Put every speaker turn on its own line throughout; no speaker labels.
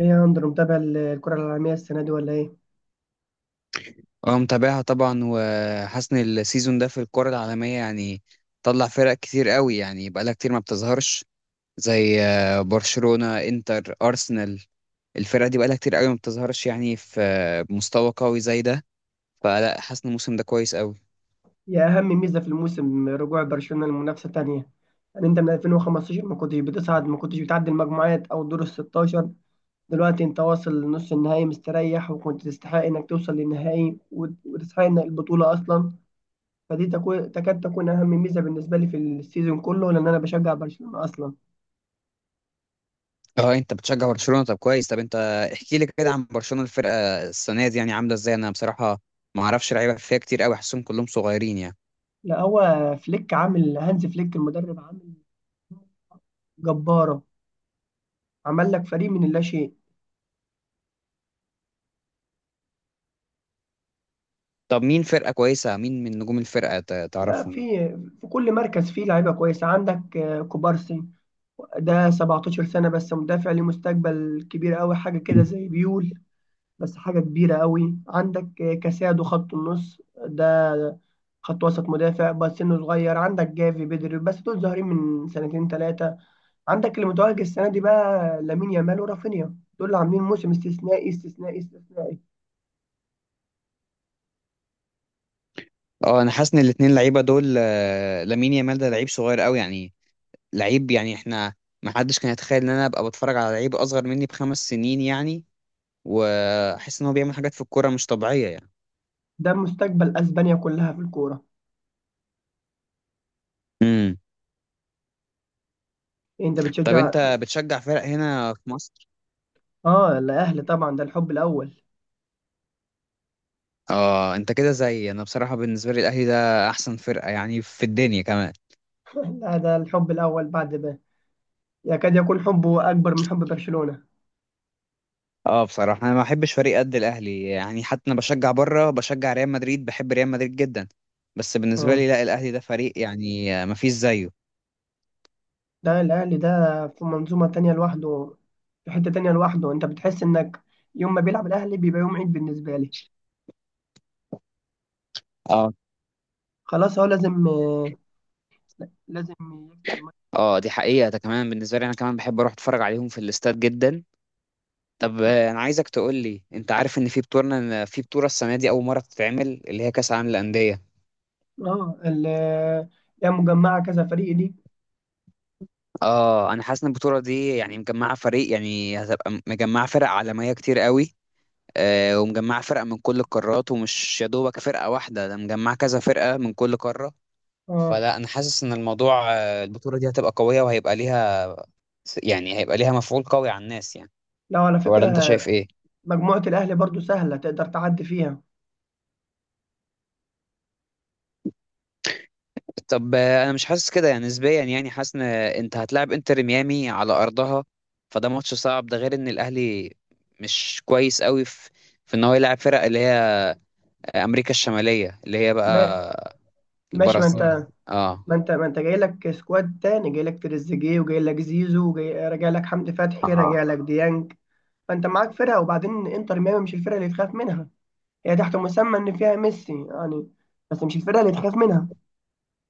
ايه يا اندرو، متابع الكرة العالمية السنة دي ولا ايه؟
اه متابعها طبعا، وحاسس ان السيزون ده في الكرة العالمية يعني طلع فرق كتير قوي، يعني بقالها كتير ما بتظهرش، زي برشلونة، انتر، ارسنال. الفرق دي بقالها كتير قوي ما بتظهرش يعني في مستوى قوي زي ده. فلا، حاسس ان الموسم ده كويس قوي.
يا أهم ميزة في الموسم رجوع برشلونة لمنافسة تانية، يعني أنت من 2015 ما كنتش بتصعد، ما كنتش بتعدي المجموعات أو الدور ال 16، دلوقتي أنت واصل لنص النهائي مستريح، وكنت تستحق إنك توصل للنهائي وتستحق إنك البطولة أصلا، فدي تكاد تكون أهم ميزة بالنسبة لي في السيزون كله، لأن أنا بشجع برشلونة أصلا.
اه انت بتشجع برشلونة؟ طب كويس. طب انت احكي لي كده عن برشلونة، الفرقة السنة دي يعني عاملة ازاي؟ انا بصراحة ما اعرفش لعيبة فيها كتير قوي، حاسسهم كلهم صغيرين يعني.
لا، هو فليك عامل هانز فليك المدرب عامل جبارة، عمل لك فريق من اللاشيء.
طب مين فرقة كويسة؟ مين من نجوم الفرقة
لا،
تعرفهم
في
يعني؟
في كل مركز فيه لعيبه كويسه. عندك كوبارسي، ده 17 سنه بس، مدافع ليه مستقبل كبير قوي، حاجه كده زي بيول، بس حاجه كبيره قوي. عندك كاسادو، خط النص ده، خط وسط مدافع بس سنه صغير. عندك جافي، بدري، بس دول ظاهرين من سنتين ثلاثه. عندك اللي متوهج السنه دي بقى، لامين يامال ورافينيا، دول اللي عاملين موسم استثنائي استثنائي استثنائي.
اه انا حاسس ان الاتنين لعيبه دول، لامين يامال ده لعيب صغير قوي يعني. لعيب يعني احنا، ما حدش كان يتخيل ان انا ابقى بتفرج على لعيب اصغر مني بخمس سنين يعني. واحس ان هو بيعمل حاجات في الكوره مش طبيعيه يعني.
ده مستقبل اسبانيا كلها في الكوره.
امم
إيه، انت
طب
بتشجع؟
انت بتشجع فرق هنا في مصر؟
اه، الاهلي طبعا، ده الحب الاول.
اه انت كده زي انا. بصراحه بالنسبه لي، الاهلي ده احسن فرقه يعني في الدنيا كمان.
هذا الحب الأول بعد به، يكاد يكون حبه أكبر من حب برشلونة.
اه بصراحه انا ما بحبش فريق قد الاهلي يعني، حتى انا بشجع بره، بشجع ريال مدريد، بحب ريال مدريد جدا. بس بالنسبه
آه.
لي، لا، الاهلي ده فريق يعني ما فيش زيه.
ده الأهلي ده، في منظومة تانية لوحده، في حتة تانية لوحده. أنت بتحس إنك يوم ما بيلعب الأهلي بيبقى يوم عيد بالنسبة لي.
اه،
خلاص، هو لازم يكسب الماتش.
اه، دي حقيقة. ده كمان بالنسبة لي، انا كمان بحب اروح اتفرج عليهم في الاستاد جدا. طب انا عايزك تقول لي، انت عارف ان في بطولة، في بطولة السنة دي اول مرة تتعمل، اللي هي كأس العالم للأندية؟
اه، هي مجمعة كذا فريق دي.
اه انا حاسس ان البطولة دي يعني مجمعة فريق، يعني هتبقى مجمعة فرق عالمية كتير قوي. آه، ومجمعة فرق من كل القارات، ومش يا دوبك فرقة واحدة، ده مجمعة كذا فرقة من كل قارة.
اه،
فلا، انا حاسس ان الموضوع، البطولة دي هتبقى قوية، وهيبقى ليها، يعني هيبقى ليها مفعول قوي على الناس يعني.
لو على
ولا
فكرة
انت شايف ايه؟
مجموعة الأهلي برضو سهلة، تقدر تعدي فيها.
طب انا مش حاسس كده يعني. نسبيا يعني، حاسس ان انت هتلعب انتر ميامي على ارضها، فده ماتش صعب. ده غير ان الاهلي مش كويس قوي في، في ان هو يلعب فرق اللي هي امريكا الشماليه، اللي هي
ما
بقى
ماشي، ما أنت
البرازيل. اه،
ما انت ما انت جاي لك سكواد تاني، جاي لك تريزيجيه، وجاي لك زيزو، وجاي راجع لك حمدي فتحي،
اه،
راجع لك ديانج. فانت معاك فرقه. وبعدين انتر ميامي مش الفرقه اللي تخاف منها، هي تحت مسمى ان فيها ميسي يعني، بس مش الفرقه اللي تخاف منها.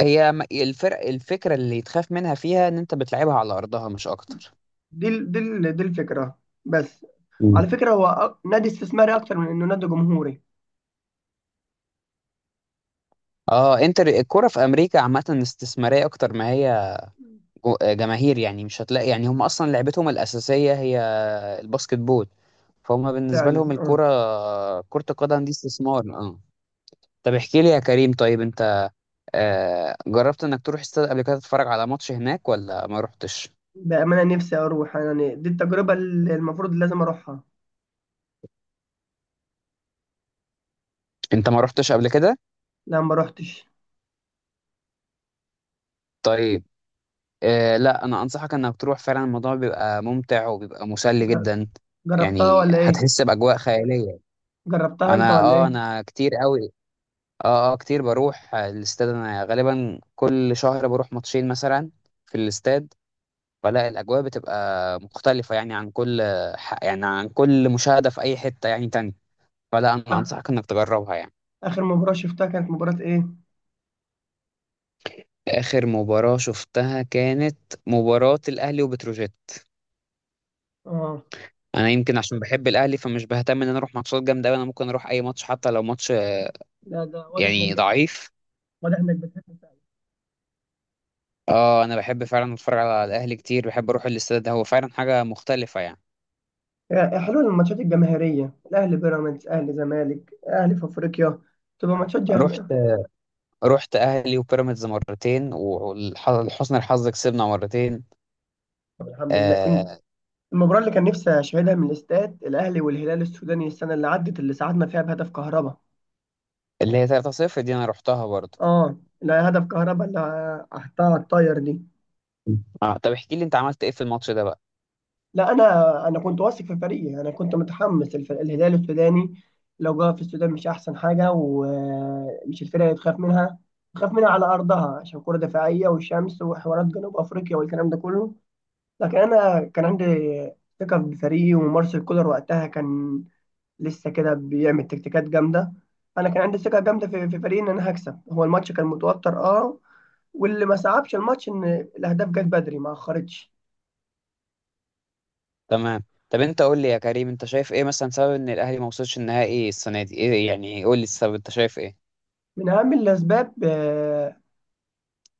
هي الفرق، الفكرة اللي يتخاف منها فيها ان انت بتلعبها على ارضها، مش اكتر.
دي الفكره بس. على
مم.
فكره، هو نادي استثماري اكتر من انه نادي جمهوري.
اه انتر، الكرة في امريكا عامة استثمارية اكتر ما هي جماهير يعني. مش هتلاقي يعني، هم اصلا لعبتهم الاساسيه هي الباسكت بول. فهم بالنسبه لهم
فعلا. اه،
الكره، كره القدم دي استثمار. اه، طب احكي لي يا كريم، طيب انت جربت انك تروح استاد قبل كده تتفرج على ماتش هناك، ولا ما رحتش؟
بامانه نفسي اروح، يعني دي التجربه اللي المفروض لازم اروحها.
انت ما رحتش قبل كده؟
لا، ما روحتش.
طيب، لا، انا انصحك انك تروح فعلا. الموضوع بيبقى ممتع وبيبقى مسلي
جر-
جدا.
جربتها
يعني
ولا ايه؟
هتحس باجواء خياليه.
جربتها انت
انا
ولا
اه،
ايه؟
انا كتير قوي، اه، اه، كتير بروح الاستاد. انا غالبا كل شهر بروح ماتشين مثلا في الاستاد. فلا، الاجواء بتبقى مختلفه يعني عن كل يعني عن كل مشاهده في اي حته يعني تاني. فلا، انا
آخ-
انصحك انك تجربها يعني.
اخر مباراه شفتها كانت مباراه ايه؟
اخر مباراه شفتها كانت مباراه الاهلي وبتروجيت.
اه،
انا يمكن عشان بحب الاهلي، فمش بهتم ان انا اروح ماتشات جامده أوي، انا ممكن اروح اي ماتش حتى لو ماتش
لا، ده
يعني ضعيف.
واضح انك بتحب فعلا.
اه، انا بحب فعلا اتفرج على الاهلي كتير، بحب اروح الاستاد، ده هو فعلا حاجه مختلفه يعني.
يعني حلو الماتشات الجماهيرية، الأهلي بيراميدز، أهلي زمالك، أهلي في أفريقيا، تبقى
رحت رحت اهلي وبيراميدز مرتين، ولحسن الحظ كسبنا مرتين.
طب الحمد لله.
آه،
المباراة اللي كان نفسي أشاهدها من الاستاد، الأهلي والهلال السوداني السنة اللي عدت، اللي ساعدنا فيها بهدف كهربا.
اللي هي 3-0 دي انا رحتها برضو.
اه، لا، هدف كهربا اللي حطها على الطاير دي.
اه، طب احكي لي انت عملت ايه في الماتش ده بقى؟
لا، انا كنت واثق في فريقي. انا كنت متحمس، الهلال السوداني لو جه في السودان مش احسن حاجه، ومش الفرقه اللي تخاف منها، تخاف منها على ارضها عشان كره دفاعيه، والشمس، وحوارات جنوب افريقيا والكلام ده كله. لكن انا كان عندي ثقه بفريقي، ومارسيل كولر وقتها كان لسه كده بيعمل تكتيكات جامده. انا كان عندي ثقه جامده في فريقي ان انا هكسب. هو الماتش كان متوتر اه، واللي ما صعبش الماتش ان الاهداف جت بدري، ما اخرتش.
تمام. طب انت قول لي يا كريم، انت شايف ايه مثلا سبب ان الاهلي ما وصلش النهائي السنه دي؟ ايه يعني؟ قول لي السبب. انت شايف ايه؟
من اهم الاسباب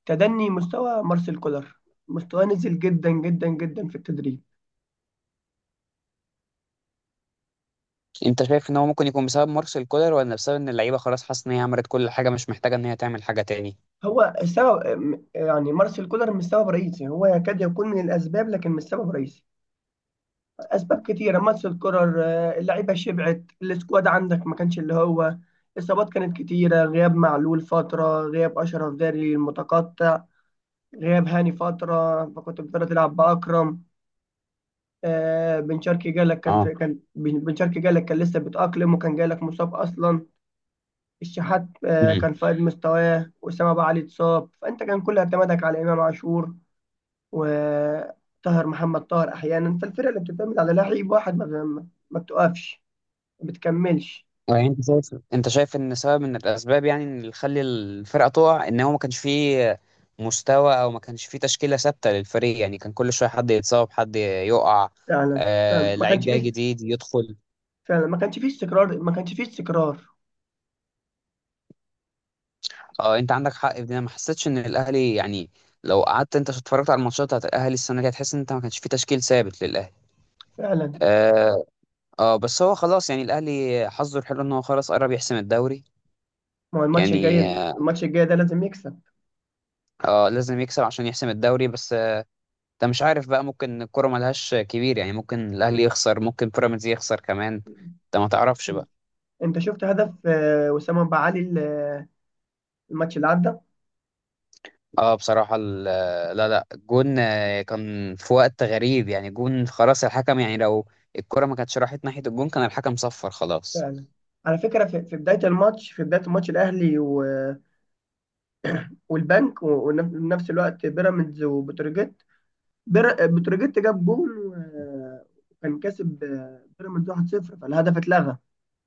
تدني مستوى مارسيل كولر، مستواه نزل جدا جدا جدا في التدريب.
انت شايف ان هو ممكن يكون بسبب مارسيل كولر، ولا بسبب ان اللعيبه خلاص حاسه ان هي عملت كل حاجه، مش محتاجه ان هي تعمل حاجه تاني؟
هو السبب يعني مارسيل كولر مش سبب رئيسي، هو يكاد يكون من الاسباب لكن مش سبب رئيسي. اسباب كتيره. مارسيل كولر، اللعيبه شبعت السكواد، عندك ما كانش اللي هو اصابات كانت كتيره، غياب معلول فتره، غياب اشرف داري المتقطع، غياب هاني فتره، فكنت بتقدر تلعب باكرم. بن شرقي جالك كان
اه.
في، كان بن شرقي جالك كان لسه بيتأقلم، وكان جالك مصاب اصلا. الشحات كان في قد مستواه، وأسامة أبو علي اتصاب، فأنت كان كل اعتمادك على إمام عاشور وطاهر محمد طاهر أحيانا. فالفرقة اللي بتعتمد على لعيب واحد ما بتقفش، ما بتكملش.
يعني انت شايف، انت شايف ان سبب من الاسباب يعني، ان اللي خلي الفرقه تقع، ان هو ما كانش فيه مستوى، او ما كانش فيه تشكيله ثابته للفريق؟ يعني كان كل شويه حد يتصاب، حد يقع،
فعلا، فعلا
آه،
ما
لعيب
كانش
جاي
فيه،
جديد يدخل.
فعلا ما كانش فيه استقرار، ما كانش فيه استقرار.
اه، انت عندك حق في دي. انا ما حسيتش ان الاهلي يعني، لو قعدت انت اتفرجت على الماتشات بتاعت الاهلي السنه دي، هتحس ان انت ما كانش فيه تشكيل ثابت للاهلي.
فعلا.
اه. آه، بس هو خلاص يعني، الاهلي حظه الحلو ان هو خلاص قرب يحسم الدوري.
ما هو الماتش
يعني
الجاي
اه،
الماتش الجاي ده لازم يكسب.
لازم يكسب عشان يحسم الدوري بس. انت مش عارف بقى، ممكن الكرة ملهاش كبير يعني، ممكن الاهلي يخسر، ممكن بيراميدز يخسر كمان، انت ما تعرفش
م.
بقى.
أنت شفت هدف وسام أبو علي، الماتش اللي عدى؟
اه بصراحة لا لا، جون. كان في وقت غريب يعني، جون خلاص الحكم يعني، لو الكرة ما كانتش راحت ناحية الجون كان الحكم صفر خلاص.
فعلا، على فكرة في بداية الماتش الأهلي والبنك، ونفس الوقت بيراميدز وبتروجيت. بتروجيت جاب جول و- وكان كاسب بيراميدز 1-0، فالهدف اتلغى.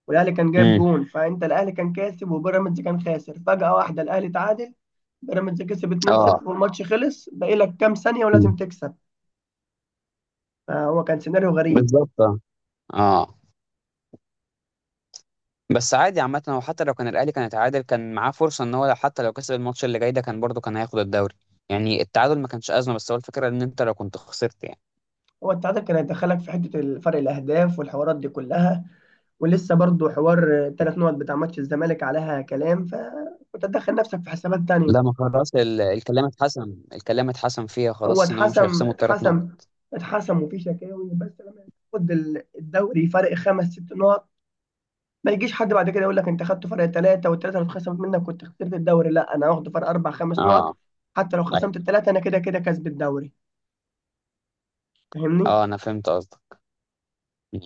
والاهلي كان جايب
امم
جول، فانت الاهلي كان كاسب وبيراميدز كان خاسر، فجأة واحدة الاهلي تعادل، بيراميدز كسب
اه.
2-0 والماتش خلص، باقي لك كام ثانية
مم.
ولازم تكسب. فهو كان سيناريو غريب.
بالظبط، اه. آه. بس عادي عامة، هو حتى لو كان الأهلي كان اتعادل، كان معاه فرصة إن هو لو حتى لو كسب الماتش اللي جاي ده، كان برضه كان هياخد الدوري. يعني التعادل ما كانش أزمة، بس هو الفكرة إن أنت لو كنت خسرت يعني.
هو التعادل كان هيدخلك في حتة فرق الأهداف والحوارات دي كلها، ولسه برضو حوار ثلاث نقط بتاع ماتش الزمالك عليها كلام، فكنت هتدخل نفسك في حسابات
لا،
تانية.
ما خلاص الكلام اتحسم، الكلام اتحسم فيها
هو
خلاص ان هو مش
اتحسم،
هيخصموا الثلاث نقط.
اتحسم اتحسم. وفي شكاوي، بس لما تاخد الدوري فرق خمس ست نقط، ما يجيش حد بعد كده يقول لك انت خدت فرق ثلاثه، والثلاثه اللي اتخصمت منك كنت خسرت الدوري، لا انا هاخد فرق اربع خمس نقط.
اه.
حتى لو
ايوه.
خصمت الثلاثه، انا كده كده كسب الدوري. فاهمني؟
اه انا فهمت قصدك. مم.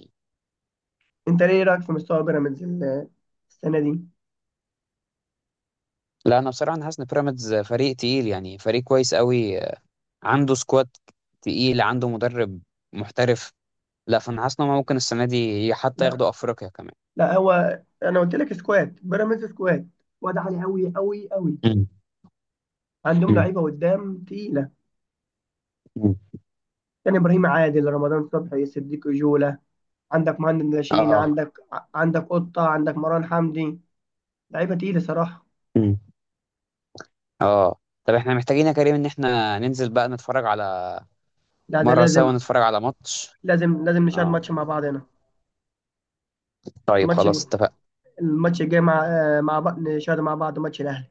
انت ليه رايك في مستوى بيراميدز السنه دي؟
لا انا بصراحه انا حاسس ان بيراميدز فريق تقيل يعني، فريق كويس قوي، عنده سكواد تقيل، عنده مدرب محترف. لا، فانا حاسس ان هم ممكن السنه دي حتى
لا،
ياخدوا افريقيا كمان.
لا، هو انا قلت لك سكواد بيراميدز، سكواد واد عالي قوي قوي قوي.
مم.
عندهم
مم.
لعيبه قدام تقيله،
مم.
كان ابراهيم عادل، رمضان صبحي، صديق جوله. عندك مهند ناشئين،
اه.
عندك قطة، عندك مروان حمدي. لعيبة تقيلة صراحة.
مم. اه، طب احنا محتاجين يا كريم ان احنا ننزل بقى نتفرج على،
لا ده
مره سوا
لازم.
نتفرج على ماتش.
لازم نشاهد
اه،
ماتش مع بعض هنا.
طيب
الماتش
خلاص اتفق.
الماتش الجاي مع بعض، نشاهد مع بعض ماتش الأهلي.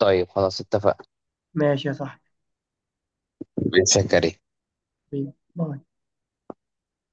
طيب خلاص اتفق.
ماشي يا صاحبي.
بن سكري